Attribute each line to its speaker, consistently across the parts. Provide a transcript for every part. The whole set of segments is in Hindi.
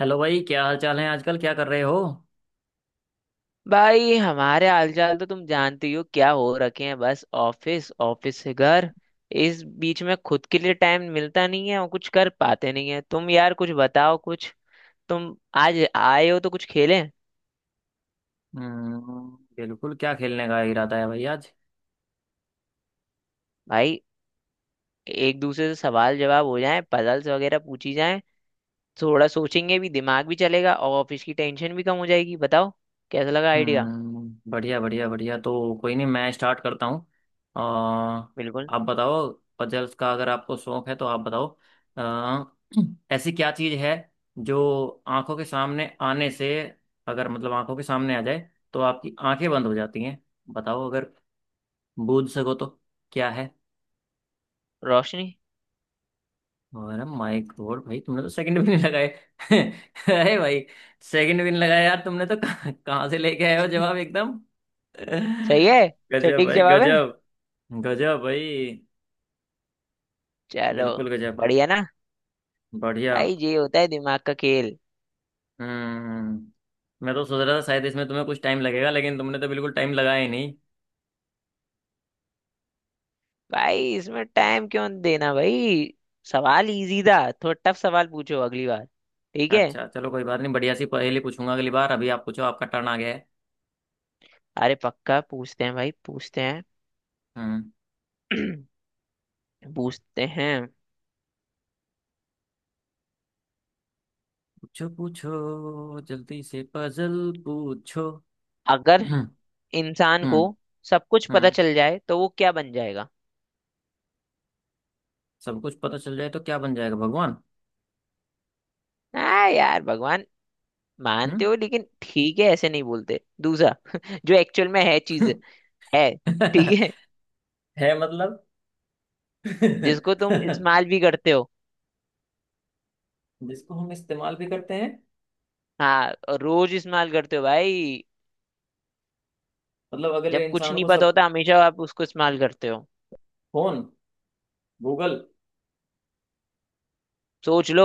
Speaker 1: हेलो भाई, क्या हाल चाल है? आजकल क्या कर रहे हो?
Speaker 2: भाई हमारे हालचाल तो तुम जानते ही हो, क्या हो रखे हैं। बस ऑफिस ऑफिस से घर, इस बीच में खुद के लिए टाइम मिलता नहीं है और कुछ कर पाते नहीं है। तुम यार कुछ बताओ, कुछ तुम आज आए हो तो कुछ खेलें।
Speaker 1: हम्म, बिल्कुल। क्या खेलने का इरादा है भाई आज?
Speaker 2: भाई एक दूसरे से सवाल जवाब हो जाए, पजल्स वगैरह पूछी जाए। थोड़ा सोचेंगे भी, दिमाग भी चलेगा और ऑफिस की टेंशन भी कम हो जाएगी। बताओ, कैसा लगा आइडिया।
Speaker 1: हम्म, बढ़िया बढ़िया बढ़िया। तो कोई नहीं, मैं स्टार्ट करता हूँ।
Speaker 2: बिल्कुल।
Speaker 1: आप बताओ। पजल्स का अगर आपको शौक है तो आप बताओ। अ, ऐसी क्या चीज़ है जो आंखों के सामने आने से, अगर मतलब आंखों के सामने आ जाए, तो आपकी आंखें बंद हो जाती हैं? बताओ अगर बूझ सको तो, क्या है?
Speaker 2: रोशनी।
Speaker 1: अरे माय गॉड भाई, तुमने तो सेकंड भी नहीं लगाए। अरे भाई, सेकंड भी नहीं लगाया यार तुमने, तो कहाँ कहाँ से लेके आए हो जवाब एकदम।
Speaker 2: सही है।
Speaker 1: गजब
Speaker 2: सटीक
Speaker 1: भाई
Speaker 2: जवाब है।
Speaker 1: गजब। गजब भाई।
Speaker 2: चलो।
Speaker 1: बिल्कुल गजब।
Speaker 2: बढ़िया ना।
Speaker 1: बढ़िया।
Speaker 2: भाई ये होता है दिमाग का खेल।
Speaker 1: हम्म, मैं तो सोच रहा था शायद इसमें तुम्हें कुछ टाइम लगेगा, लेकिन तुमने तो बिल्कुल टाइम लगाया ही नहीं।
Speaker 2: भाई इसमें टाइम क्यों देना, भाई सवाल इजी था। थोड़ा टफ सवाल पूछो अगली बार। ठीक है।
Speaker 1: अच्छा चलो, कोई बात नहीं। बढ़िया सी पहेली पूछूंगा अगली बार। अभी आप पूछो, आपका टर्न आ गया है।
Speaker 2: अरे पक्का पूछते हैं भाई, पूछते हैं।
Speaker 1: हम्म।
Speaker 2: पूछते हैं।
Speaker 1: पूछो पूछो जल्दी से पजल, पूछो।
Speaker 2: अगर
Speaker 1: हम्म।
Speaker 2: इंसान को
Speaker 1: हम्म।
Speaker 2: सब कुछ पता
Speaker 1: हम्म।
Speaker 2: चल जाए तो वो क्या बन जाएगा।
Speaker 1: सब कुछ पता चल जाए तो क्या बन जाएगा? भगवान।
Speaker 2: हाँ यार, भगवान
Speaker 1: हम्म।
Speaker 2: मानते हो, लेकिन ठीक है ऐसे नहीं बोलते। दूसरा जो एक्चुअल में है चीज है, ठीक है।
Speaker 1: है मतलब।
Speaker 2: जिसको तुम इस्तेमाल भी करते हो।
Speaker 1: जिसको हम इस्तेमाल भी करते हैं।
Speaker 2: हाँ, और रोज इस्तेमाल करते हो भाई।
Speaker 1: मतलब अगले
Speaker 2: जब कुछ
Speaker 1: इंसान
Speaker 2: नहीं
Speaker 1: को
Speaker 2: पता
Speaker 1: सब।
Speaker 2: होता हमेशा आप उसको इस्तेमाल करते हो।
Speaker 1: फोन। गूगल।
Speaker 2: सोच लो।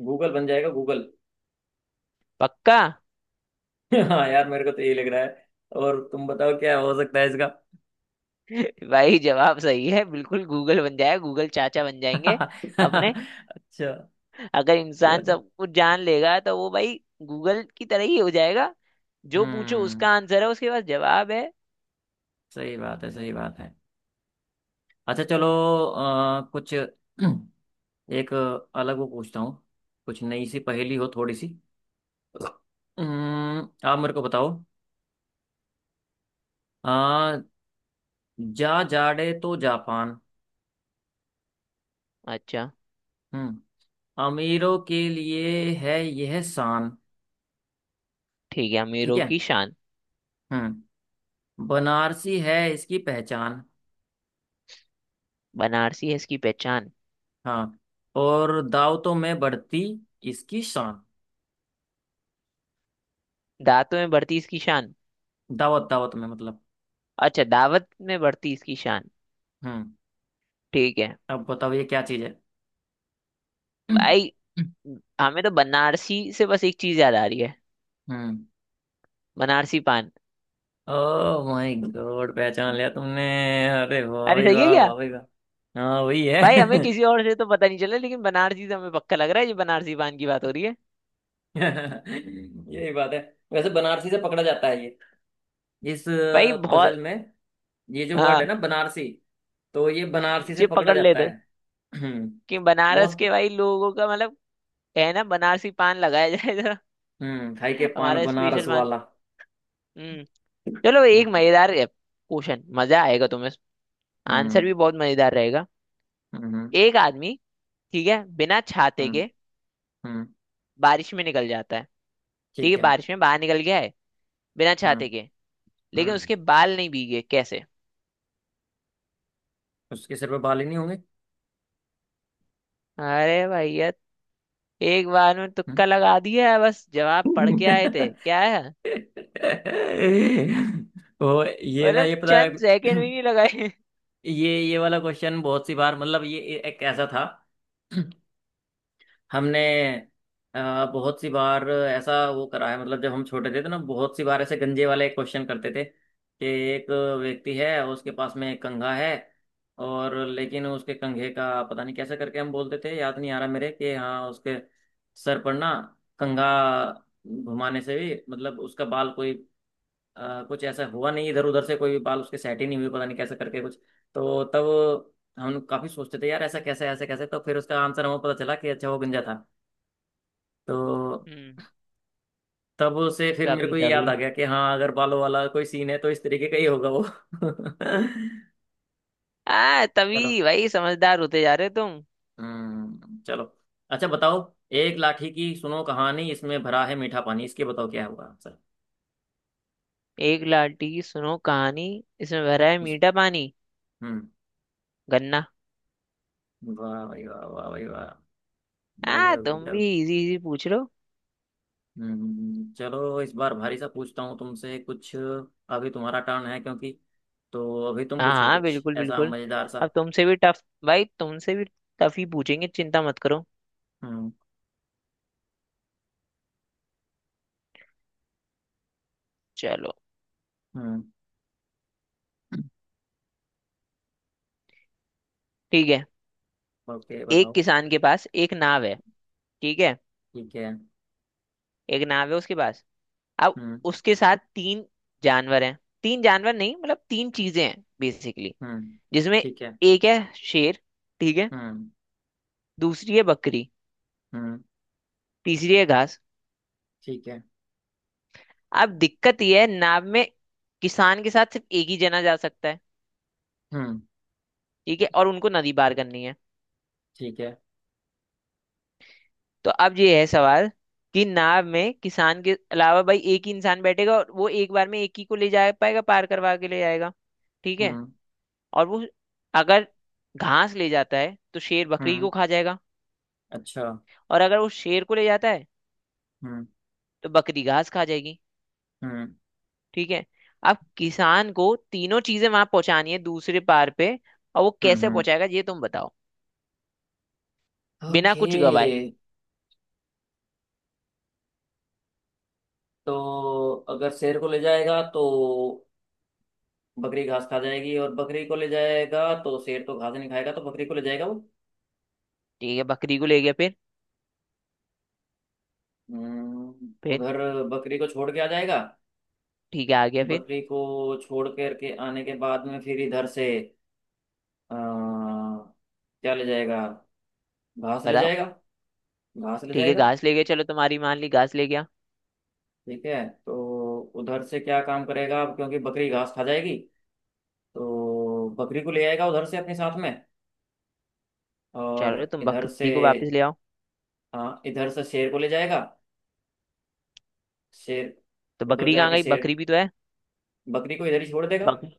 Speaker 1: गूगल बन जाएगा, गूगल।
Speaker 2: पक्का।
Speaker 1: हाँ यार, मेरे को तो यही लग रहा है। और तुम बताओ क्या हो सकता है इसका?
Speaker 2: भाई जवाब सही है, बिल्कुल गूगल बन जाएगा। गूगल चाचा बन जाएंगे अपने।
Speaker 1: अच्छा,
Speaker 2: अगर इंसान
Speaker 1: चल।
Speaker 2: सब कुछ जान लेगा तो वो भाई गूगल की तरह ही हो जाएगा। जो पूछो
Speaker 1: हम्म।
Speaker 2: उसका आंसर है, उसके पास जवाब है।
Speaker 1: सही बात है, सही बात है। अच्छा चलो। कुछ एक अलग वो पूछता हूँ। कुछ नई सी पहेली हो थोड़ी सी। आप मेरे को बताओ। आ, जा जाड़े तो जापान।
Speaker 2: अच्छा।
Speaker 1: हम्म। अमीरों के लिए है यह शान।
Speaker 2: ठीक है,
Speaker 1: ठीक
Speaker 2: अमीरों
Speaker 1: है।
Speaker 2: की शान।
Speaker 1: हम्म। बनारसी है इसकी पहचान।
Speaker 2: बनारसी है इसकी पहचान।
Speaker 1: हाँ, और दावतों में बढ़ती इसकी शान।
Speaker 2: दांतों में बढ़ती इसकी शान।
Speaker 1: दावत दावत में, मतलब।
Speaker 2: अच्छा, दावत में बढ़ती इसकी शान।
Speaker 1: हम्म।
Speaker 2: ठीक है।
Speaker 1: अब बताओ ये क्या चीज है?
Speaker 2: भाई हमें तो बनारसी से बस एक चीज याद आ रही है,
Speaker 1: हम्म।
Speaker 2: बनारसी पान।
Speaker 1: ओ माय गॉड, पहचान लिया तुमने। अरे वाह
Speaker 2: अरे
Speaker 1: भाई
Speaker 2: सही है
Speaker 1: वाह,
Speaker 2: क्या?
Speaker 1: वाह भाई वाह। हाँ वही है।
Speaker 2: भाई हमें किसी और से तो पता नहीं चला, लेकिन बनारसी से हमें पक्का लग रहा है ये बनारसी पान की बात हो रही है।
Speaker 1: यही बात है। वैसे बनारसी से पकड़ा जाता है ये। इस
Speaker 2: भाई बहुत।
Speaker 1: पजल में, ये जो वर्ड है
Speaker 2: हाँ,
Speaker 1: ना, बनारसी, तो ये बनारसी से
Speaker 2: ये
Speaker 1: पकड़ा
Speaker 2: पकड़
Speaker 1: जाता
Speaker 2: लेते
Speaker 1: है। हम्म।
Speaker 2: कि बनारस
Speaker 1: मोस्ट।
Speaker 2: के भाई लोगों का मतलब, है ना। बनारसी पान लगाया जाए जरा।
Speaker 1: हम्म। खाई के पान
Speaker 2: हमारा स्पेशल
Speaker 1: बनारस
Speaker 2: पान।
Speaker 1: वाला।
Speaker 2: हम्म। चलो एक
Speaker 1: हम्म।
Speaker 2: मजेदार क्वेश्चन, मजा आएगा तुम्हें। आंसर
Speaker 1: हम्म।
Speaker 2: भी बहुत मजेदार रहेगा।
Speaker 1: हम्म।
Speaker 2: एक आदमी, ठीक है, बिना छाते
Speaker 1: हम्म।
Speaker 2: के
Speaker 1: हम्म,
Speaker 2: बारिश में निकल जाता है। ठीक
Speaker 1: ठीक
Speaker 2: है,
Speaker 1: है।
Speaker 2: बारिश में बाहर निकल गया है बिना
Speaker 1: हम्म।
Speaker 2: छाते के, लेकिन
Speaker 1: हम्म।
Speaker 2: उसके बाल नहीं भीगे। कैसे।
Speaker 1: उसके सिर पे बाल ही नहीं होंगे।
Speaker 2: अरे भैया, एक बार में
Speaker 1: हम्म।
Speaker 2: तुक्का लगा दिया है। बस जवाब पढ़ के आए थे क्या। है
Speaker 1: वो ये ना,
Speaker 2: मतलब
Speaker 1: ये पता है।
Speaker 2: चंद सेकंड भी नहीं लगाए।
Speaker 1: ये वाला क्वेश्चन बहुत सी बार, मतलब ये एक ऐसा था। हमने बहुत सी बार ऐसा वो करा है, मतलब जब हम छोटे थे तो ना, बहुत सी बार ऐसे गंजे वाले क्वेश्चन करते थे कि एक व्यक्ति है और उसके पास में एक कंघा है, और लेकिन उसके कंघे का, पता नहीं कैसे करके हम बोलते थे, याद नहीं आ रहा मेरे, कि हाँ उसके सर पर ना कंघा घुमाने से भी, मतलब उसका बाल कोई कुछ ऐसा हुआ नहीं, इधर उधर से कोई भी बाल उसके सेट ही नहीं हुए, पता नहीं कैसे करके कुछ। तो तब हम काफी सोचते थे यार, ऐसा कैसे, ऐसे कैसे। तो फिर उसका आंसर हमें पता चला कि अच्छा, वो गंजा था। तो
Speaker 2: हम्म।
Speaker 1: तब से फिर मेरे
Speaker 2: तभी
Speaker 1: को ये याद
Speaker 2: तभी,
Speaker 1: आ गया कि हाँ, अगर बालों वाला कोई सीन है तो इस तरीके का ही होगा वो।
Speaker 2: आ तभी
Speaker 1: चलो।
Speaker 2: भाई, समझदार होते जा रहे हो तुम।
Speaker 1: हम्म। चलो। अच्छा, बताओ। एक लाठी की सुनो कहानी, इसमें भरा है मीठा पानी। इसके बताओ क्या होगा आंसर?
Speaker 2: एक लाठी की सुनो कहानी, इसमें भरा है
Speaker 1: इस।
Speaker 2: मीठा पानी।
Speaker 1: हम्म।
Speaker 2: गन्ना।
Speaker 1: वाह भाई वाह, वाह भाई वाह।
Speaker 2: आ
Speaker 1: गजब,
Speaker 2: तुम भी
Speaker 1: गजब।
Speaker 2: इजी इजी पूछ लो।
Speaker 1: हम्म। चलो इस बार भारी सा पूछता हूँ तुमसे कुछ, अभी तुम्हारा टर्न है क्योंकि। तो अभी तुम
Speaker 2: हाँ
Speaker 1: पूछो
Speaker 2: हाँ,
Speaker 1: कुछ
Speaker 2: बिल्कुल
Speaker 1: ऐसा
Speaker 2: बिल्कुल।
Speaker 1: मजेदार सा।
Speaker 2: अब तुमसे भी टफ भाई, तुमसे भी टफ ही पूछेंगे, चिंता मत करो।
Speaker 1: हम्म।
Speaker 2: चलो।
Speaker 1: हम्म।
Speaker 2: ठीक है।
Speaker 1: ओके,
Speaker 2: एक
Speaker 1: बताओ।
Speaker 2: किसान के पास एक नाव है, ठीक है,
Speaker 1: ठीक है।
Speaker 2: एक नाव है उसके पास। अब
Speaker 1: हम्म।
Speaker 2: उसके साथ तीन जानवर हैं, तीन जानवर नहीं मतलब तीन चीजें हैं बेसिकली,
Speaker 1: हम्म।
Speaker 2: जिसमें
Speaker 1: ठीक है।
Speaker 2: एक है शेर, ठीक है,
Speaker 1: हम्म।
Speaker 2: दूसरी है बकरी,
Speaker 1: हम्म।
Speaker 2: तीसरी है घास।
Speaker 1: ठीक है।
Speaker 2: अब दिक्कत यह है, नाव में किसान के साथ सिर्फ एक ही जना जा सकता है,
Speaker 1: हम्म।
Speaker 2: ठीक है, और उनको नदी पार करनी है।
Speaker 1: ठीक है।
Speaker 2: तो अब ये है सवाल, कि नाव में किसान के अलावा भाई एक ही इंसान बैठेगा और वो एक बार में एक ही को ले जा पाएगा, पार करवा के ले जाएगा। ठीक है।
Speaker 1: हम्म।
Speaker 2: और वो अगर घास ले जाता है तो शेर बकरी को
Speaker 1: हम्म।
Speaker 2: खा जाएगा,
Speaker 1: अच्छा।
Speaker 2: और अगर वो शेर को ले जाता है
Speaker 1: हम्म।
Speaker 2: तो बकरी घास खा जाएगी,
Speaker 1: हम्म।
Speaker 2: ठीक है। अब किसान को तीनों चीजें वहां पहुंचानी है दूसरे पार पे, और वो
Speaker 1: हम्म।
Speaker 2: कैसे
Speaker 1: हम्म।
Speaker 2: पहुंचाएगा ये तुम बताओ, बिना
Speaker 1: ओके।
Speaker 2: कुछ गवाए।
Speaker 1: तो अगर शेर को ले जाएगा तो बकरी घास खा जाएगी, और बकरी को ले जाएगा तो शेर तो घास नहीं खाएगा, तो बकरी को ले जाएगा वो।
Speaker 2: ठीक है, बकरी को ले गया। फिर
Speaker 1: हम्म।
Speaker 2: फिर
Speaker 1: उधर बकरी को छोड़ के आ जाएगा।
Speaker 2: ठीक है, आ गया फिर।
Speaker 1: बकरी को छोड़ कर के आने के बाद में फिर इधर से, क्या ले जाएगा? घास ले
Speaker 2: बताओ।
Speaker 1: जाएगा। घास ले
Speaker 2: ठीक है,
Speaker 1: जाएगा।
Speaker 2: घास ले गया, चलो तुम्हारी मान ली, घास ले गया।
Speaker 1: ठीक है, तो उधर से क्या काम करेगा अब, क्योंकि बकरी घास खा जाएगी, तो बकरी को ले आएगा उधर से अपने साथ में। और
Speaker 2: चलो तुम
Speaker 1: इधर से,
Speaker 2: बकरी को वापस ले आओ।
Speaker 1: हाँ इधर से शेर को ले जाएगा। शेर।
Speaker 2: तो
Speaker 1: उधर
Speaker 2: बकरी कहाँ
Speaker 1: जाके
Speaker 2: गई,
Speaker 1: शेर
Speaker 2: बकरी भी तो है।
Speaker 1: बकरी को इधर ही छोड़ देगा।
Speaker 2: बकरी।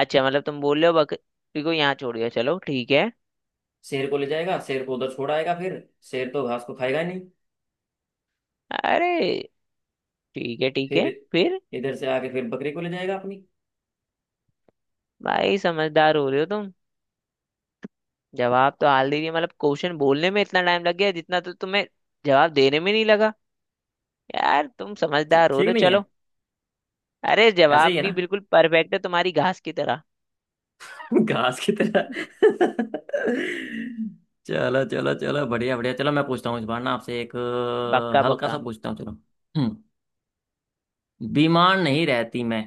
Speaker 2: अच्छा, मतलब तुम बोल रहे हो बकरी को यहाँ छोड़ गया, चलो ठीक है।
Speaker 1: शेर को ले जाएगा, शेर को उधर छोड़ आएगा फिर। शेर तो घास को खाएगा ही नहीं।
Speaker 2: अरे ठीक
Speaker 1: फिर
Speaker 2: है फिर।
Speaker 1: इधर से आके फिर बकरी को ले जाएगा अपनी।
Speaker 2: भाई समझदार हो रहे हो तुम। जवाब तो हाल ही नहीं, मतलब क्वेश्चन बोलने में इतना टाइम लग गया जितना तो तुम्हें जवाब देने में नहीं लगा। यार तुम समझदार हो
Speaker 1: ठीक
Speaker 2: रहे हो।
Speaker 1: नहीं है।
Speaker 2: चलो। अरे
Speaker 1: ऐसे
Speaker 2: जवाब
Speaker 1: ही है ना?
Speaker 2: भी बिल्कुल परफेक्ट है, तुम्हारी घास की तरह।
Speaker 1: घास की तरह। चलो चलो चलो, बढ़िया बढ़िया। चलो मैं पूछता हूँ इस बार ना आपसे एक
Speaker 2: पक्का
Speaker 1: हल्का सा
Speaker 2: पक्का।
Speaker 1: पूछता हूँ। चलो। हम्म। बीमार नहीं रहती मैं।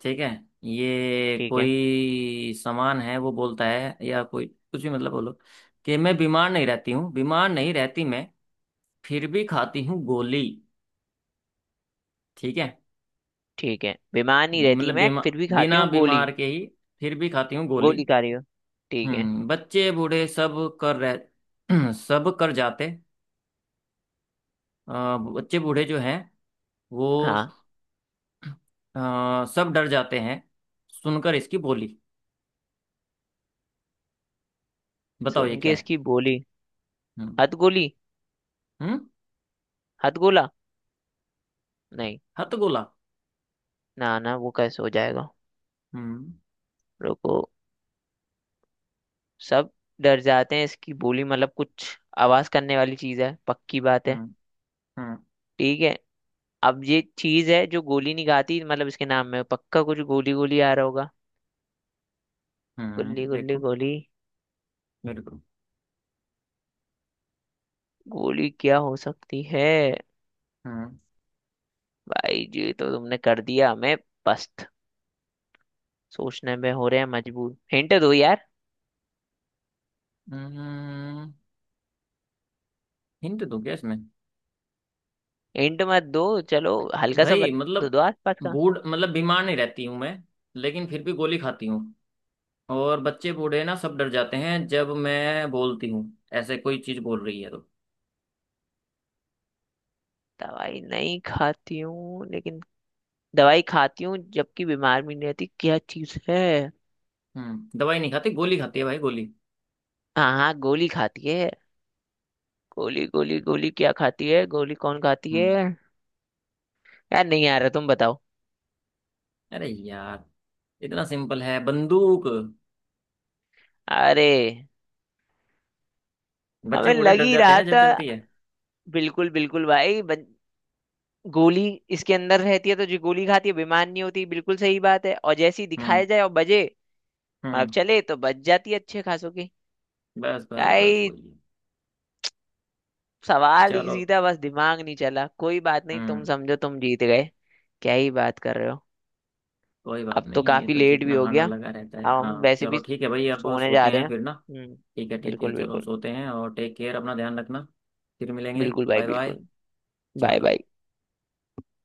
Speaker 1: ठीक है। ये
Speaker 2: ठीक है।
Speaker 1: कोई सामान है वो बोलता है या कोई कुछ भी, मतलब बोलो। कि मैं बीमार नहीं रहती हूँ, बीमार नहीं रहती मैं, फिर भी खाती हूँ गोली। ठीक है।
Speaker 2: ठीक है, बीमार नहीं रहती
Speaker 1: मतलब
Speaker 2: मैं
Speaker 1: बीमा
Speaker 2: फिर भी खाती
Speaker 1: बिना
Speaker 2: हूँ गोली।
Speaker 1: बीमार के ही फिर भी खाती हूँ गोली।
Speaker 2: गोली खा रही हो, ठीक है।
Speaker 1: हम्म। बच्चे बूढ़े सब कर रह सब कर जाते। बच्चे बूढ़े जो हैं वो
Speaker 2: हाँ।
Speaker 1: सब डर जाते हैं सुनकर इसकी बोली। बताओ ये
Speaker 2: सुन
Speaker 1: क्या
Speaker 2: के
Speaker 1: है?
Speaker 2: इसकी बोली।
Speaker 1: हम्म।
Speaker 2: हथ गोली।
Speaker 1: हम्म।
Speaker 2: हथ गोला। नहीं,
Speaker 1: हथगोला।
Speaker 2: ना ना, वो कैसे हो जाएगा।
Speaker 1: हम्म।
Speaker 2: रुको। सब डर जाते हैं इसकी बोली, मतलब कुछ आवाज करने वाली चीज है, पक्की बात है।
Speaker 1: हम्म। हम्म।
Speaker 2: ठीक है। अब ये चीज है जो गोली नहीं खाती, मतलब इसके नाम में पक्का कुछ गोली गोली आ रहा होगा। गुल्ली
Speaker 1: हम्म।
Speaker 2: गुल्ली
Speaker 1: देखो।
Speaker 2: गोली।
Speaker 1: मेरे को।
Speaker 2: गोली क्या हो सकती है।
Speaker 1: हम्म।
Speaker 2: भाई जी तो तुमने कर दिया हमें पस्त, सोचने में हो रहे हैं मजबूर, हिंट दो यार।
Speaker 1: हम्म, हिंट दो क्या इसमें?
Speaker 2: हिंट मत दो, चलो हल्का सा
Speaker 1: भाई
Speaker 2: बता
Speaker 1: मतलब,
Speaker 2: दो आसपास का।
Speaker 1: बूढ़ मतलब बीमार नहीं रहती हूँ मैं, लेकिन फिर भी गोली खाती हूँ। और बच्चे बूढ़े ना सब डर जाते हैं जब मैं बोलती हूँ। ऐसे कोई चीज बोल रही है तो।
Speaker 2: दवाई नहीं खाती हूँ, लेकिन दवाई खाती हूँ जबकि बीमार भी नहीं रहती, क्या चीज है।
Speaker 1: हम्म। दवाई नहीं खाती, गोली खाती है भाई, गोली।
Speaker 2: हाँ हाँ, गोली खाती है। गोली गोली गोली क्या खाती है, गोली कौन खाती है।
Speaker 1: हम्म,
Speaker 2: यार नहीं आ रहा, तुम बताओ।
Speaker 1: अरे यार, इतना सिंपल है, बंदूक।
Speaker 2: अरे
Speaker 1: बच्चे
Speaker 2: हमें
Speaker 1: बूढ़े
Speaker 2: लग
Speaker 1: डर
Speaker 2: ही
Speaker 1: जाते हैं
Speaker 2: रहा
Speaker 1: ना जब
Speaker 2: था,
Speaker 1: चलती है।
Speaker 2: बिल्कुल बिल्कुल भाई। गोली इसके अंदर रहती है, तो जो गोली खाती है बेमान नहीं होती, बिल्कुल सही बात है, और जैसे ही
Speaker 1: हम्म।
Speaker 2: दिखाया जाए और बजे
Speaker 1: हम्म।
Speaker 2: मतलब चले तो बच जाती है अच्छे खासों की।
Speaker 1: बस बस बस
Speaker 2: भाई
Speaker 1: वही है।
Speaker 2: सवाल
Speaker 1: चलो।
Speaker 2: इजी था, बस दिमाग नहीं चला, कोई बात नहीं, तुम
Speaker 1: हम्म।
Speaker 2: समझो तुम जीत गए। क्या ही बात कर रहे हो।
Speaker 1: कोई बात
Speaker 2: अब तो
Speaker 1: नहीं, ये
Speaker 2: काफी
Speaker 1: तो
Speaker 2: लेट भी
Speaker 1: जीतना
Speaker 2: हो
Speaker 1: हारना
Speaker 2: गया,
Speaker 1: लगा रहता है।
Speaker 2: अब हम
Speaker 1: हाँ
Speaker 2: वैसे
Speaker 1: चलो,
Speaker 2: भी
Speaker 1: ठीक है भाई, अब
Speaker 2: सोने
Speaker 1: सोते
Speaker 2: जा रहे
Speaker 1: हैं
Speaker 2: हैं।
Speaker 1: फिर ना।
Speaker 2: हम्म।
Speaker 1: ठीक है ठीक है,
Speaker 2: बिल्कुल
Speaker 1: चलो
Speaker 2: बिल्कुल।
Speaker 1: सोते हैं। और टेक केयर, अपना ध्यान रखना। फिर मिलेंगे,
Speaker 2: बिल्कुल भाई
Speaker 1: बाय बाय।
Speaker 2: बिल्कुल। बाय
Speaker 1: चलो।
Speaker 2: बाय।